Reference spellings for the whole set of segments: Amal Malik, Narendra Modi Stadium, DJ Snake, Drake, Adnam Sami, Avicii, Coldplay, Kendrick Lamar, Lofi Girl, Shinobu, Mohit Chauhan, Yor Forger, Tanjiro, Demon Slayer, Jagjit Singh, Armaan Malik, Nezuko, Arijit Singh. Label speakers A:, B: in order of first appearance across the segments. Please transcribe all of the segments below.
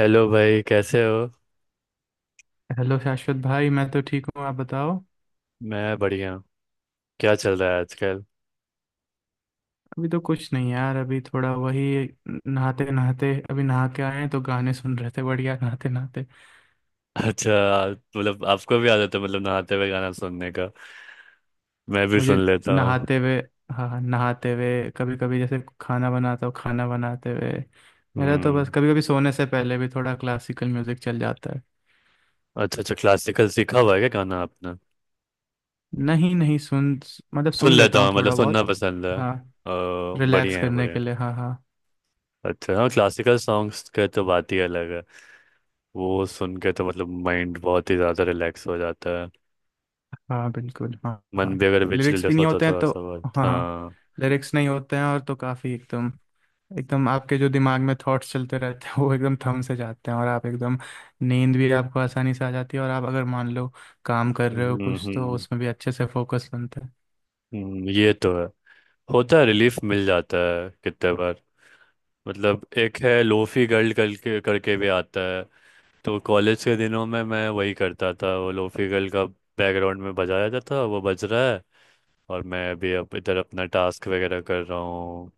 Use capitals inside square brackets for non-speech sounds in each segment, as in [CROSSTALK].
A: Hello भाई, कैसे हो?
B: हेलो शाश्वत भाई। मैं तो ठीक हूँ, आप बताओ।
A: मैं बढ़िया हूँ। क्या चल रहा है आजकल?
B: अभी तो कुछ नहीं यार। अभी थोड़ा वही, नहाते नहाते, अभी नहा के आए हैं तो गाने सुन रहे थे। बढ़िया, नहाते नहाते।
A: [LAUGHS] अच्छा, मतलब आपको भी आदत है, मतलब नहाते हुए गाना सुनने का। मैं भी
B: मुझे
A: सुन लेता हूँ।
B: नहाते हुए। हाँ हाँ, नहाते हुए कभी कभी, जैसे खाना बनाता हूँ, खाना बनाते हुए। मेरा तो बस,
A: हम्म।
B: कभी कभी सोने से पहले भी थोड़ा क्लासिकल म्यूजिक चल जाता है।
A: अच्छा अच्छा, क्लासिकल सीखा हुआ है क्या गाना आपने?
B: नहीं नहीं, सुन मतलब
A: सुन
B: सुन लेता
A: लेता
B: हूँ
A: हूँ मतलब
B: थोड़ा
A: सुनना
B: बहुत।
A: पसंद है।
B: हाँ।
A: ओ,
B: रिलैक्स
A: बढ़िया है
B: करने
A: बढ़िया
B: के लिए,
A: है।
B: हाँ हाँ।
A: अच्छा हाँ, क्लासिकल सॉन्ग्स का तो बात ही अलग है। वो सुन के तो मतलब माइंड बहुत ही ज़्यादा रिलैक्स हो जाता है।
B: हाँ बिल्कुल, हाँ
A: मन
B: हाँ।
A: भी अगर
B: लिरिक्स भी
A: विचलित
B: नहीं
A: होता
B: होते हैं
A: थोड़ा
B: तो।
A: सा, बहुत
B: हाँ हाँ।
A: हाँ।
B: लिरिक्स नहीं होते हैं, और तो काफी एकदम, एकदम आपके जो दिमाग में थॉट्स चलते रहते हैं वो एकदम थम से जाते हैं और आप एकदम, नींद भी आपको आसानी से आ जाती है। और आप अगर मान लो काम कर रहे हो
A: हम्म
B: कुछ, तो
A: हम्म
B: उसमें भी अच्छे से फोकस बनते हैं।
A: ये तो है। होता है, रिलीफ मिल जाता है कितने बार। मतलब एक है लोफी गर्ल कल के करके भी आता है। तो कॉलेज के दिनों में मैं वही करता था, वो लोफी गर्ल का बैकग्राउंड में बजाया जाता था वो बज रहा है। और मैं अभी अब इधर अपना टास्क वगैरह कर रहा हूँ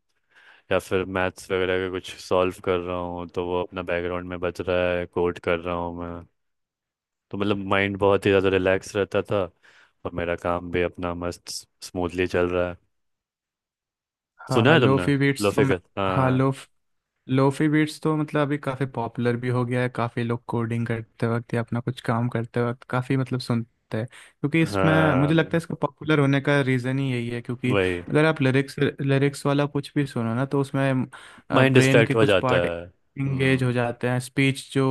A: या फिर मैथ्स वगैरह का कुछ सॉल्व कर रहा हूँ, तो वो अपना बैकग्राउंड में बज रहा है, कोड कर रहा हूँ मैं। तो मतलब माइंड बहुत ही ज़्यादा रिलैक्स रहता था और मेरा काम भी अपना मस्त स्मूथली चल रहा है।
B: हाँ
A: सुना
B: हाँ,
A: है तुमने?
B: लोफी बीट्स तो
A: लोफी
B: मैं,
A: गर्ल,
B: हाँ,
A: हाँ।
B: लो लोफी बीट्स तो मतलब अभी काफ़ी पॉपुलर भी हो गया है। काफ़ी लोग कोडिंग करते वक्त या अपना कुछ काम करते वक्त काफ़ी मतलब सुनते हैं, क्योंकि इसमें मुझे
A: हाँ,
B: लगता है इसका पॉपुलर होने का रीज़न ही यही है, क्योंकि
A: वही।
B: अगर आप लिरिक्स लिरिक्स वाला कुछ भी सुनो ना तो उसमें
A: माइंड
B: ब्रेन
A: डिस्ट्रैक्ट
B: के
A: हो
B: कुछ
A: जाता
B: पार्ट
A: है।
B: इंगेज हो
A: हम्म,
B: जाते हैं। स्पीच जो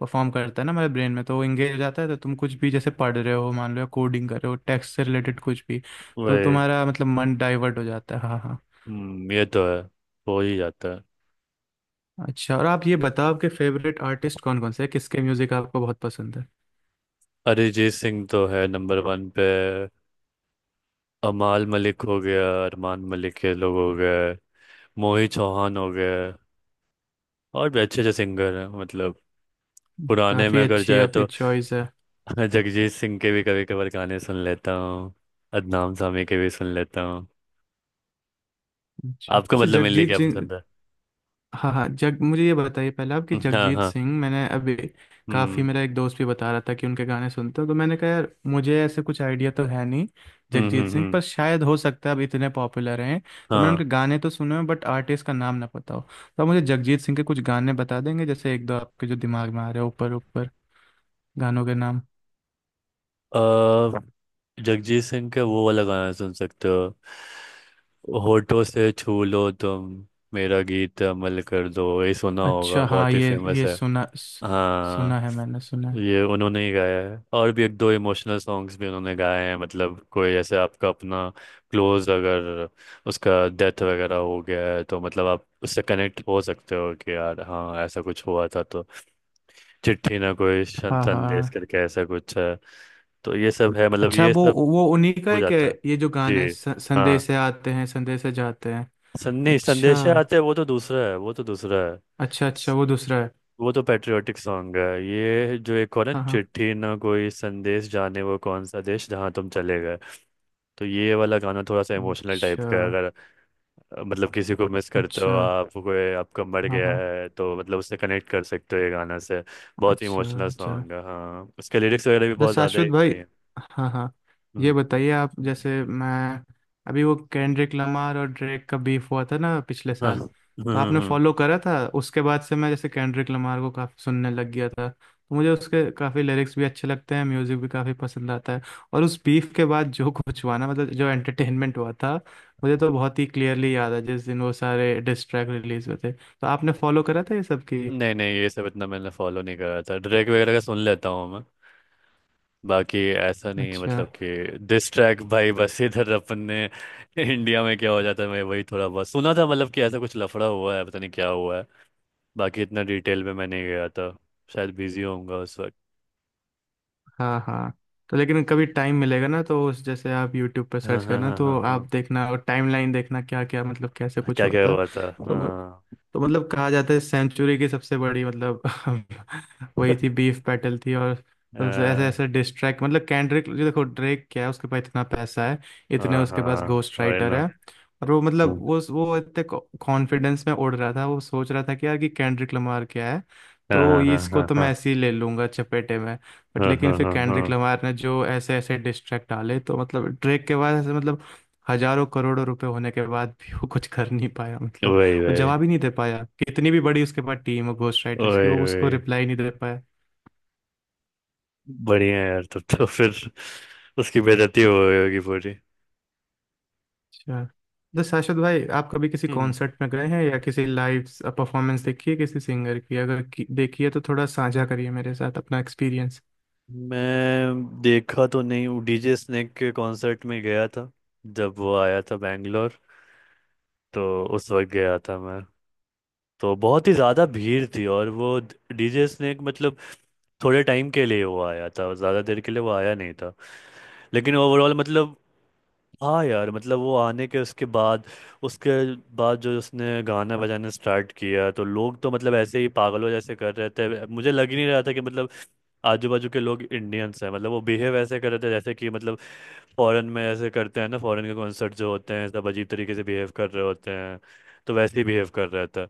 B: परफॉर्म करता है ना हमारे ब्रेन में, तो वो इंगेज हो जाता है। तो तुम कुछ भी जैसे पढ़ रहे हो मान लो, या कोडिंग कर रहे हो, टेक्स्ट से रिलेटेड कुछ भी, तो
A: वही।
B: तुम्हारा मतलब मन डाइवर्ट हो जाता है। हाँ हाँ।
A: हम्म, ये तो है। हो ही जाता है।
B: अच्छा, और आप ये बताओ आपके फेवरेट आर्टिस्ट कौन कौन से हैं, किसके म्यूजिक आपको बहुत पसंद है?
A: अरिजीत सिंह तो है नंबर वन पे। अमाल मलिक हो गया, अरमान मलिक के लोग हो गए, मोहित चौहान हो गए, और भी अच्छे अच्छे सिंगर हैं मतलब पुराने में
B: काफी
A: अगर
B: अच्छी
A: जाए
B: आपकी
A: तो।
B: चॉइस है।
A: [LAUGHS] जगजीत सिंह के भी कभी कभार गाने सुन लेता हूँ, अदनाम सामी के भी सुन लेता हूँ।
B: अच्छा,
A: आपको
B: वैसे
A: मतलब मेनली
B: जगजीत
A: क्या
B: सिंह।
A: पसंद है?
B: हाँ हाँ, जग मुझे ये बताइए पहले आप कि
A: [LAUGHS] हाँ
B: जगजीत
A: हाँ।
B: सिंह मैंने अभी, काफी,
A: हम्म
B: मेरा एक दोस्त भी बता रहा था कि उनके गाने सुनता हूँ। तो मैंने कहा यार मुझे ऐसे कुछ आइडिया तो है नहीं
A: हम्म।
B: जगजीत सिंह
A: हम्म।
B: पर, शायद हो सकता है, अब इतने पॉपुलर हैं तो मैंने
A: हाँ।
B: उनके गाने तो सुने हैं बट आर्टिस्ट का नाम ना पता हो। तो आप मुझे जगजीत सिंह के कुछ गाने बता देंगे? जैसे एक दो, आपके जो दिमाग में आ रहे हैं ऊपर ऊपर, गानों के नाम।
A: अ, जगजीत सिंह का वो वाला गाना सुन सकते हो — होठों से छू लो तुम, मेरा गीत अमल कर दो। ये सुना होगा,
B: अच्छा, हाँ
A: बहुत ही
B: ये
A: फेमस
B: ये
A: है।
B: सुना,
A: हाँ
B: सुना है, मैंने सुना है।
A: ये उन्होंने ही गाया है। और भी एक दो इमोशनल सॉन्ग्स भी उन्होंने गाए हैं मतलब कोई ऐसे आपका अपना क्लोज अगर उसका डेथ वगैरह हो गया है तो मतलब आप उससे कनेक्ट हो सकते हो कि यार हाँ ऐसा कुछ हुआ था तो। चिट्ठी ना कोई
B: हाँ
A: संदेश
B: हाँ।
A: करके ऐसा कुछ है। तो ये सब है मतलब
B: अच्छा,
A: ये
B: वो
A: सब
B: वो उन्हीं का
A: हो
B: है कि
A: जाता है।
B: ये जो गाना है,
A: जी हाँ।
B: संदेश है आते हैं, संदेश है जाते हैं?
A: सन्नी,
B: अच्छा।
A: संदेशे आते हैं वो तो दूसरा है, वो तो दूसरा है।
B: अच्छा अच्छा,
A: स-
B: वो दूसरा है।
A: वो तो पैट्रियोटिक सॉन्ग है। ये जो एक और है —
B: हाँ हाँ।
A: चिट्ठी ना कोई संदेश, जाने वो कौन सा देश जहाँ तुम चले गए। तो ये वाला गाना थोड़ा सा इमोशनल टाइप
B: अच्छा
A: का है अगर मतलब किसी को मिस करते हो
B: अच्छा।
A: आप, कोई आपका मर
B: हाँ
A: गया
B: हाँ।
A: है तो मतलब उससे कनेक्ट कर सकते हो ये गाना से। बहुत
B: अच्छा
A: इमोशनल
B: अच्छा।
A: सॉन्ग है हाँ, उसके लिरिक्स वगैरह भी
B: तो
A: बहुत ज़्यादा ही
B: शाश्वत भाई,
A: बढ़िया हैं।
B: हाँ हाँ, ये
A: हम्म,
B: बताइए आप, जैसे मैं, अभी वो केंड्रिक लमार और ड्रेक का बीफ हुआ था ना पिछले
A: हाँ।
B: साल,
A: [LAUGHS]
B: तो आपने
A: हम्म।
B: फॉलो करा था? उसके बाद से मैं जैसे केंड्रिक लमार को काफ़ी सुनने लग गया था, तो मुझे उसके काफ़ी लिरिक्स भी अच्छे लगते हैं, म्यूज़िक भी काफ़ी पसंद आता है। और उस बीफ के बाद जो कुछ हुआ ना, मतलब जो एंटरटेनमेंट हुआ था, मुझे तो बहुत ही क्लियरली याद है। जिस दिन वो सारे डिस्ट्रैक्ट रिलीज हुए थे, तो आपने फॉलो करा था ये सब की?
A: नहीं नहीं, ये सब इतना मैंने फॉलो नहीं करा था। ड्रैग वगैरह का सुन लेता हूँ मैं, बाकी ऐसा नहीं है
B: अच्छा।
A: मतलब कि दिस ट्रैक भाई। बस इधर अपन ने इंडिया में क्या हो जाता है मैं वही थोड़ा बहुत सुना था मतलब कि ऐसा कुछ लफड़ा हुआ है पता नहीं क्या हुआ है। बाकी इतना डिटेल में मैं नहीं गया था, शायद बिजी होऊंगा उस वक्त।
B: हाँ हाँ। तो लेकिन कभी टाइम मिलेगा ना तो उस, जैसे आप यूट्यूब पर
A: हाँ
B: सर्च
A: हाँ
B: करना,
A: हाँ हाँ
B: तो आप
A: हाँ।
B: देखना, और टाइमलाइन देखना, क्या क्या मतलब कैसे कुछ
A: क्या
B: हुआ
A: क्या
B: था।
A: हुआ था,
B: तो
A: हाँ।
B: तो मतलब कहा जाता है सेंचुरी की सबसे बड़ी, मतलब [LAUGHS] वही थी बीफ बैटल थी। और सबसे ऐसे
A: अह,
B: ऐसे डिस्ट्रैक्ट, मतलब कैंड्रिक जो, देखो ड्रेक क्या है, उसके पास इतना पैसा है, इतने
A: हाँ
B: उसके पास
A: हाँ,
B: घोस्ट
A: वही
B: राइटर
A: ना।
B: है। और वो
A: हाँ
B: मतलब वो इतने कॉन्फिडेंस में उड़ रहा था। वो सोच रहा था कि यार कि कैंड्रिक लमार क्या है, तो
A: हाँ
B: ये,
A: हाँ
B: इसको
A: हाँ
B: तो
A: हाँ
B: मैं ऐसे ही ले लूंगा चपेटे में। बट
A: हाँ
B: लेकिन
A: हाँ
B: फिर
A: हाँ हाँ,
B: कैंड्रिक लमार ने जो ऐसे ऐसे डिस्ट्रैक्ट डाले, तो मतलब ड्रेक के बाद ऐसे मतलब, हजारों करोड़ों रुपए होने के बाद भी वो कुछ कर नहीं पाया, मतलब
A: वही
B: वो
A: वही।
B: जवाब ही नहीं दे पाया। कितनी भी बड़ी उसके पास टीम हो घोस्ट राइटर्स की,
A: वही
B: वो उसको
A: वही।
B: रिप्लाई नहीं दे पाया।
A: बढ़िया है यार, तब तो फिर उसकी बेइज्जती हो गई होगी पूरी।
B: अच्छा, तो शाश्वत भाई, आप कभी किसी
A: हम्म।
B: कॉन्सर्ट में गए हैं या किसी लाइव परफॉर्मेंस देखी है किसी सिंगर की? अगर की, देखी है तो थोड़ा साझा करिए मेरे साथ अपना एक्सपीरियंस।
A: मैं देखा तो नहीं हूँ, डीजे स्नेक के कॉन्सर्ट में गया था जब वो आया था बैंगलोर। तो उस वक्त गया था मैं, तो बहुत ही ज़्यादा भीड़ थी और वो डीजे स्नेक मतलब थोड़े टाइम के लिए वो आया था, ज़्यादा देर के लिए वो आया नहीं था। लेकिन ओवरऑल मतलब हाँ यार, मतलब वो आने के उसके बाद जो उसने गाना बजाना स्टार्ट किया तो लोग तो मतलब ऐसे ही पागलों जैसे कर रहे थे। मुझे लग ही नहीं रहा था कि मतलब आजू बाजू के लोग इंडियंस हैं, मतलब वो बिहेव ऐसे कर रहे थे जैसे कि मतलब फॉरेन में ऐसे करते हैं ना। फॉरेन के कॉन्सर्ट जो होते हैं सब अजीब तरीके से बिहेव कर रहे होते हैं, तो वैसे ही बिहेव कर रहा था।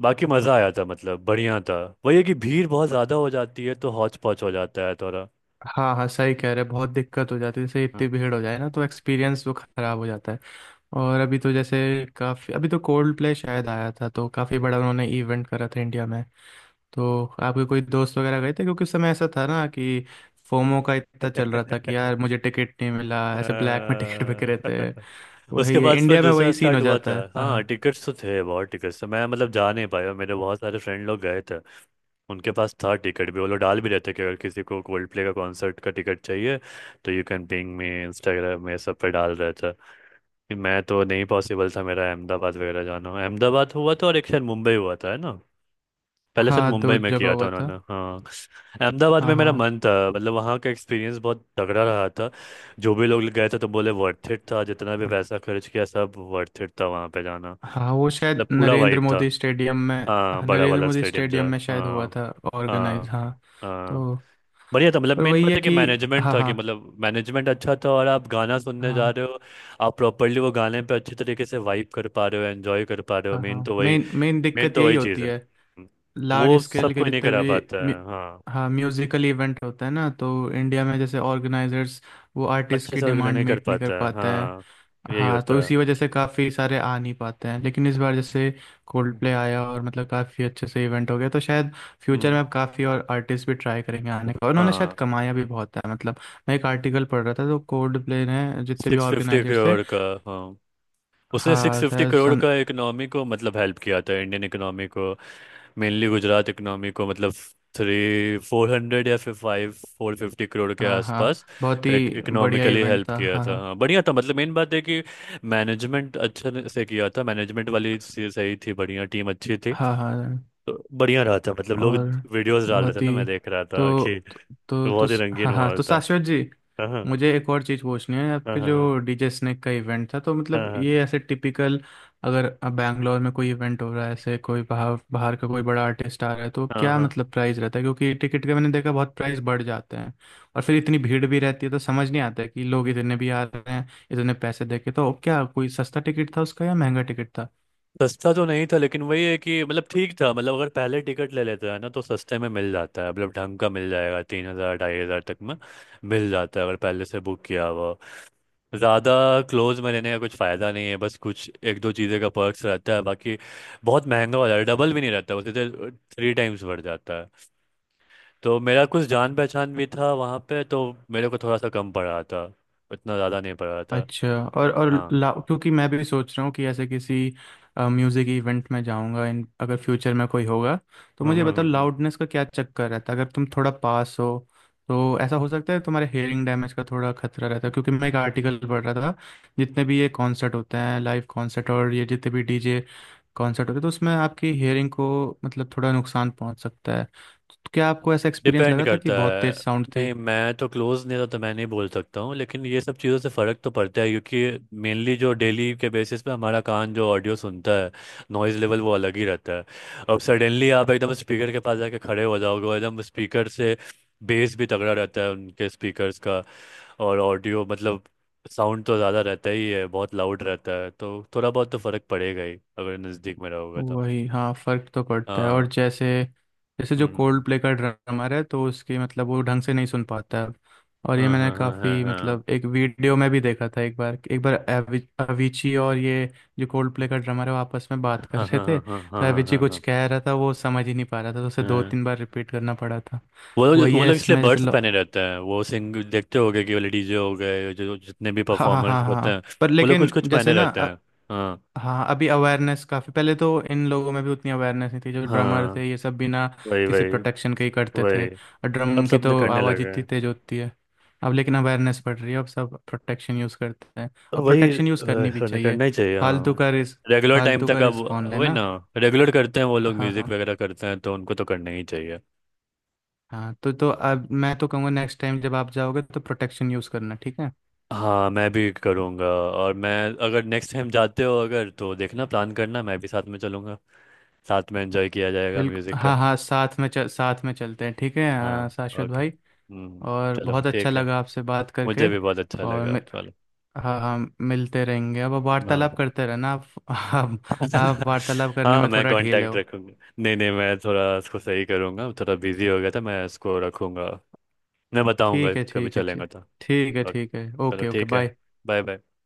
A: बाकी मज़ा आया था मतलब बढ़िया था। वही है कि भीड़ बहुत ज़्यादा हो जाती है तो हौच पौच हो जाता है थोड़ा।
B: हाँ हाँ, सही कह रहे हैं, बहुत दिक्कत हो जाती है। जैसे
A: हाँ।
B: इतनी भीड़ हो जाए ना तो एक्सपीरियंस वो खराब हो जाता है। और अभी तो जैसे काफी, अभी तो कोल्ड प्ले शायद आया था, तो काफी बड़ा उन्होंने इवेंट करा था इंडिया में। तो आपके कोई दोस्त वगैरह गए थे? क्योंकि उस समय ऐसा था ना कि फोमो का इतना चल रहा था कि यार
A: [LAUGHS]
B: मुझे टिकट नहीं मिला, ऐसे ब्लैक में [LAUGHS] टिकट बिक रहे थे।
A: [LAUGHS] उसके
B: वही है,
A: बाद फिर
B: इंडिया में
A: दूसरा
B: वही सीन
A: स्टार्ट
B: हो
A: हुआ था।
B: जाता है।
A: हाँ
B: हाँ
A: टिकट्स तो थे बहुत, टिकट्स तो। मैं मतलब जा नहीं पाया, मेरे बहुत सारे फ्रेंड लोग गए थे। उनके पास था टिकट भी, वो लोग डाल भी रहते कि अगर किसी को कोल्ड प्ले का कॉन्सर्ट का टिकट चाहिए तो you can ping me, Instagram में सब पे डाल रहे थे कि। मैं तो नहीं पॉसिबल था मेरा अहमदाबाद वगैरह जाना। अहमदाबाद हुआ था और एक शायद मुंबई हुआ था, है ना? पहले सर
B: हाँ,
A: मुंबई
B: दो
A: में
B: जगह
A: किया था
B: हुआ था।
A: उन्होंने, हाँ। अहमदाबाद
B: हाँ
A: में मेरा
B: हाँ
A: मन था, मतलब वहाँ का एक्सपीरियंस बहुत तगड़ा रहा था। जो भी लोग गए थे तो बोले वर्थ इट था, जितना भी पैसा खर्च किया सब वर्थ इट था वहाँ पे जाना।
B: हाँ, वो शायद
A: मतलब पूरा
B: नरेंद्र
A: वाइब था।
B: मोदी स्टेडियम में,
A: हाँ
B: हाँ,
A: बड़ा
B: नरेंद्र
A: वाला
B: मोदी
A: स्टेडियम जो
B: स्टेडियम
A: है,
B: में शायद हुआ
A: हाँ।
B: था ऑर्गेनाइज।
A: हाँ
B: हाँ।
A: हाँ,
B: तो,
A: बढ़िया था मतलब
B: पर
A: मेन
B: वही
A: बात
B: है
A: है कि
B: कि,
A: मैनेजमेंट
B: हाँ
A: था कि,
B: हाँ
A: मतलब मैनेजमेंट अच्छा था और आप गाना सुनने जा
B: हाँ
A: रहे हो, आप प्रॉपरली वो गाने पे अच्छी तरीके से वाइब कर पा रहे हो, एंजॉय कर पा रहे हो
B: हाँ
A: मेन
B: हाँ,
A: तो वही
B: मेन मेन
A: मेन
B: दिक्कत
A: तो
B: यही
A: वही चीज़
B: होती
A: है।
B: है।
A: वो
B: लार्ज स्केल
A: सब
B: के
A: कोई नहीं
B: जितने
A: करा
B: भी
A: पाता
B: म्यू-
A: है, हाँ
B: हाँ, म्यूजिकल इवेंट होता है ना तो इंडिया में जैसे ऑर्गेनाइजर्स, वो आर्टिस्ट
A: अच्छे
B: की
A: से ऑर्गेनाइज
B: डिमांड
A: नहीं कर
B: मीट नहीं कर
A: पाता है,
B: पाते हैं।
A: हाँ यही
B: हाँ,
A: होता
B: तो
A: है।
B: इसी वजह से काफ़ी सारे आ नहीं पाते हैं। लेकिन इस बार जैसे कोल्ड प्ले आया और मतलब काफ़ी अच्छे से इवेंट हो गया, तो शायद फ्यूचर
A: हम्म।
B: में अब काफ़ी और आर्टिस्ट भी ट्राई करेंगे आने का। और उन्होंने शायद
A: हाँ।
B: कमाया भी बहुत है, मतलब मैं एक आर्टिकल पढ़ रहा था, तो कोल्ड प्ले ने जितने भी
A: सिक्स फिफ्टी
B: ऑर्गेनाइजर्स थे,
A: करोड़ का, हाँ। उसने सिक्स
B: हाँ
A: फिफ्टी
B: शायद
A: करोड़
B: सम,
A: का इकोनॉमी को मतलब हेल्प किया था, इंडियन इकोनॉमी को। मेनली गुजरात इकोनॉमी को मतलब थ्री फोर हंड्रेड या फिर फाइव फोर फिफ्टी करोड़ के
B: हाँ हाँ
A: आसपास
B: बहुत
A: का
B: ही बढ़िया
A: इकोनॉमिकली
B: इवेंट
A: हेल्प
B: था,
A: किया
B: हाँ
A: था।
B: हाँ
A: हाँ बढ़िया था मतलब मेन बात है कि मैनेजमेंट अच्छे से किया था, मैनेजमेंट वाली चीज़ सही थी, बढ़िया टीम अच्छी थी।
B: हाँ हाँ हाँ।
A: तो बढ़िया रहा था मतलब, लोग
B: और
A: वीडियोस डाल रहे
B: बहुत
A: थे ना, मैं
B: ही,
A: देख रहा था
B: तो
A: कि
B: तो
A: बहुत ही रंगीन
B: हाँ हाँ,
A: माहौल
B: तो
A: था।
B: शाश्वत जी,
A: हाँ हाँ
B: मुझे एक और चीज़ पूछनी है।
A: हाँ
B: आपके
A: हाँ
B: जो डीजे स्नेक का इवेंट था, तो मतलब
A: हाँ
B: ये ऐसे टिपिकल, अगर बैंगलोर में कोई इवेंट हो रहा है, ऐसे कोई बाहर बाहर का कोई बड़ा आर्टिस्ट आ रहा है, तो
A: हाँ हाँ।
B: क्या
A: हाँ।
B: मतलब प्राइस रहता है? क्योंकि टिकट का मैंने देखा, बहुत प्राइस बढ़ जाते हैं। और फिर इतनी भीड़ भी रहती है, तो समझ नहीं आता है कि लोग इतने भी आ रहे हैं इतने पैसे दे के। तो क्या कोई सस्ता टिकट था उसका या महंगा टिकट था?
A: सस्ता तो नहीं था, लेकिन वही है कि मतलब ठीक था मतलब अगर पहले टिकट ले लेता है ना तो सस्ते में मिल जाता है, मतलब ढंग का मिल जाएगा 3,000 2,500 तक में मिल जाता है अगर पहले से बुक किया हुआ। ज़्यादा क्लोज में लेने का कुछ फ़ायदा नहीं है, बस कुछ एक दो चीज़ें का पर्क्स रहता है, बाकी बहुत महंगा हो जाता है। डबल भी नहीं रहता, वो सीधे 3 times बढ़ जाता है। तो मेरा कुछ जान पहचान भी था वहाँ पे, तो मेरे को थोड़ा सा कम पड़ा था, इतना ज़्यादा नहीं पड़ा था।
B: अच्छा, और
A: हाँ।
B: ला क्योंकि मैं भी सोच रहा हूँ कि ऐसे किसी म्यूज़िक इवेंट में जाऊंगा इन, अगर फ्यूचर में कोई होगा। तो मुझे बताओ
A: [LAUGHS]
B: लाउडनेस का क्या चक्कर रहता है? अगर तुम थोड़ा पास हो तो ऐसा हो सकता है तुम्हारे हेयरिंग डैमेज का थोड़ा खतरा रहता है, क्योंकि मैं एक आर्टिकल पढ़ रहा था। जितने भी ये कॉन्सर्ट होते हैं लाइव कॉन्सर्ट, और ये जितने भी डीजे कॉन्सर्ट होते हैं, तो उसमें आपकी हेयरिंग को मतलब थोड़ा नुकसान पहुंच सकता है। तो क्या आपको ऐसा एक्सपीरियंस
A: डिपेंड
B: लगा था कि
A: करता
B: बहुत
A: है।
B: तेज साउंड
A: नहीं
B: थी?
A: मैं तो क्लोज नहीं था, तो मैं नहीं बोल सकता हूँ। लेकिन ये सब चीज़ों से फ़र्क तो पड़ता है क्योंकि मेनली जो डेली के बेसिस पे हमारा कान जो ऑडियो सुनता है, नॉइज़ लेवल वो अलग ही रहता है। अब सडनली आप एकदम स्पीकर के पास जाके खड़े हो जाओगे और एकदम स्पीकर से बेस भी तगड़ा रहता है उनके स्पीकर्स का, और ऑडियो मतलब साउंड तो ज़्यादा रहता ही है, बहुत लाउड रहता है, तो थोड़ा बहुत तो फ़र्क पड़ेगा ही अगर नज़दीक में रहोगे तो।
B: वही, हाँ, फर्क तो पड़ता है। और
A: हाँ।
B: जैसे, जैसे जो
A: हम्म हम्म, हम्म।
B: कोल्ड प्ले का ड्रमर है, तो उसकी, मतलब वो ढंग से नहीं सुन पाता है। और
A: हाँ
B: ये मैंने
A: हाँ हाँ हाँ
B: काफ़ी,
A: हाँ
B: मतलब एक वीडियो में भी देखा था एक बार, एक बार अविची और ये जो कोल्ड प्ले का ड्रमर है वो आपस में बात कर
A: हाँ हाँ
B: रहे थे,
A: हाँ हाँ
B: तो
A: हाँ हाँ
B: अविची
A: हाँ
B: कुछ
A: हाँ।
B: कह रहा था वो समझ ही नहीं पा रहा था, तो उसे दो
A: हम्म।
B: तीन बार रिपीट करना पड़ा था।
A: वो
B: तो
A: लोग
B: वही
A: वो
B: है
A: लोग इसलिए
B: इसमें जैसे
A: बर्ड्स पहने रहते हैं, वो सिंग देखते होगे कि वाले डीजे हो गए जो जो जितने भी
B: हाँ हाँ
A: परफॉर्मर्स
B: हाँ हाँ
A: होते हैं
B: हाँ। पर
A: वो लोग कुछ
B: लेकिन
A: कुछ
B: जैसे
A: पहने
B: ना,
A: रहते हैं। हाँ
B: हाँ अभी अवेयरनेस काफ़ी, पहले तो इन लोगों में भी उतनी अवेयरनेस नहीं थी। जो ड्रमर थे
A: हाँ,
B: ये सब बिना
A: वही
B: किसी
A: वही।
B: प्रोटेक्शन के ही करते थे,
A: वही,
B: और
A: अब
B: ड्रम की
A: सब
B: तो
A: निकलने
B: आवाज़
A: लगे
B: इतनी
A: हैं।
B: तेज होती है। अब लेकिन अवेयरनेस बढ़ रही है, अब सब प्रोटेक्शन यूज़ करते हैं, और
A: वही
B: प्रोटेक्शन यूज़ करनी भी चाहिए।
A: निकलना ही चाहिए
B: फालतू
A: हाँ,
B: का रिस्क
A: रेगुलर टाइम
B: फालतू का
A: तक अब।
B: रिस्क कौन
A: वही
B: लेना।
A: ना, रेगुलर करते हैं वो लोग
B: हाँ
A: म्यूजिक
B: हाँ।
A: वगैरह करते हैं तो उनको तो करना ही चाहिए।
B: हाँ, तो अब मैं तो कहूँगा नेक्स्ट टाइम जब आप जाओगे तो प्रोटेक्शन यूज़ करना, ठीक है?
A: हाँ मैं भी करूँगा। और मैं, अगर नेक्स्ट टाइम जाते हो अगर तो देखना, प्लान करना, मैं भी साथ में चलूँगा, साथ में एंजॉय किया जाएगा
B: बिल्कुल,
A: म्यूज़िक का।
B: हाँ हाँ, साथ में चलते हैं, ठीक है।
A: हाँ
B: शाश्वत
A: ओके।
B: भाई,
A: हम्म।
B: और
A: चलो
B: बहुत अच्छा
A: ठीक है,
B: लगा आपसे बात
A: मुझे
B: करके।
A: भी बहुत अच्छा
B: और
A: लगा। चलो
B: हाँ हाँ, मिलते रहेंगे अब, आप
A: हाँ।
B: वार्तालाप करते रहना। आप, आप आप
A: [LAUGHS]
B: वार्तालाप करने
A: हाँ
B: में
A: मैं
B: थोड़ा ढीले
A: कांटेक्ट
B: हो।
A: रखूँगा। नहीं नहीं मैं थोड़ा इसको सही करूँगा, थोड़ा बिजी हो गया था, मैं इसको रखूँगा। मैं बताऊँगा,
B: ठीक है
A: कभी
B: ठीक है, ठीक,
A: चलेंगे तो।
B: ठीक है
A: ओके
B: ठीक है,
A: चलो
B: ओके ओके,
A: ठीक है।
B: बाय।
A: Bye bye.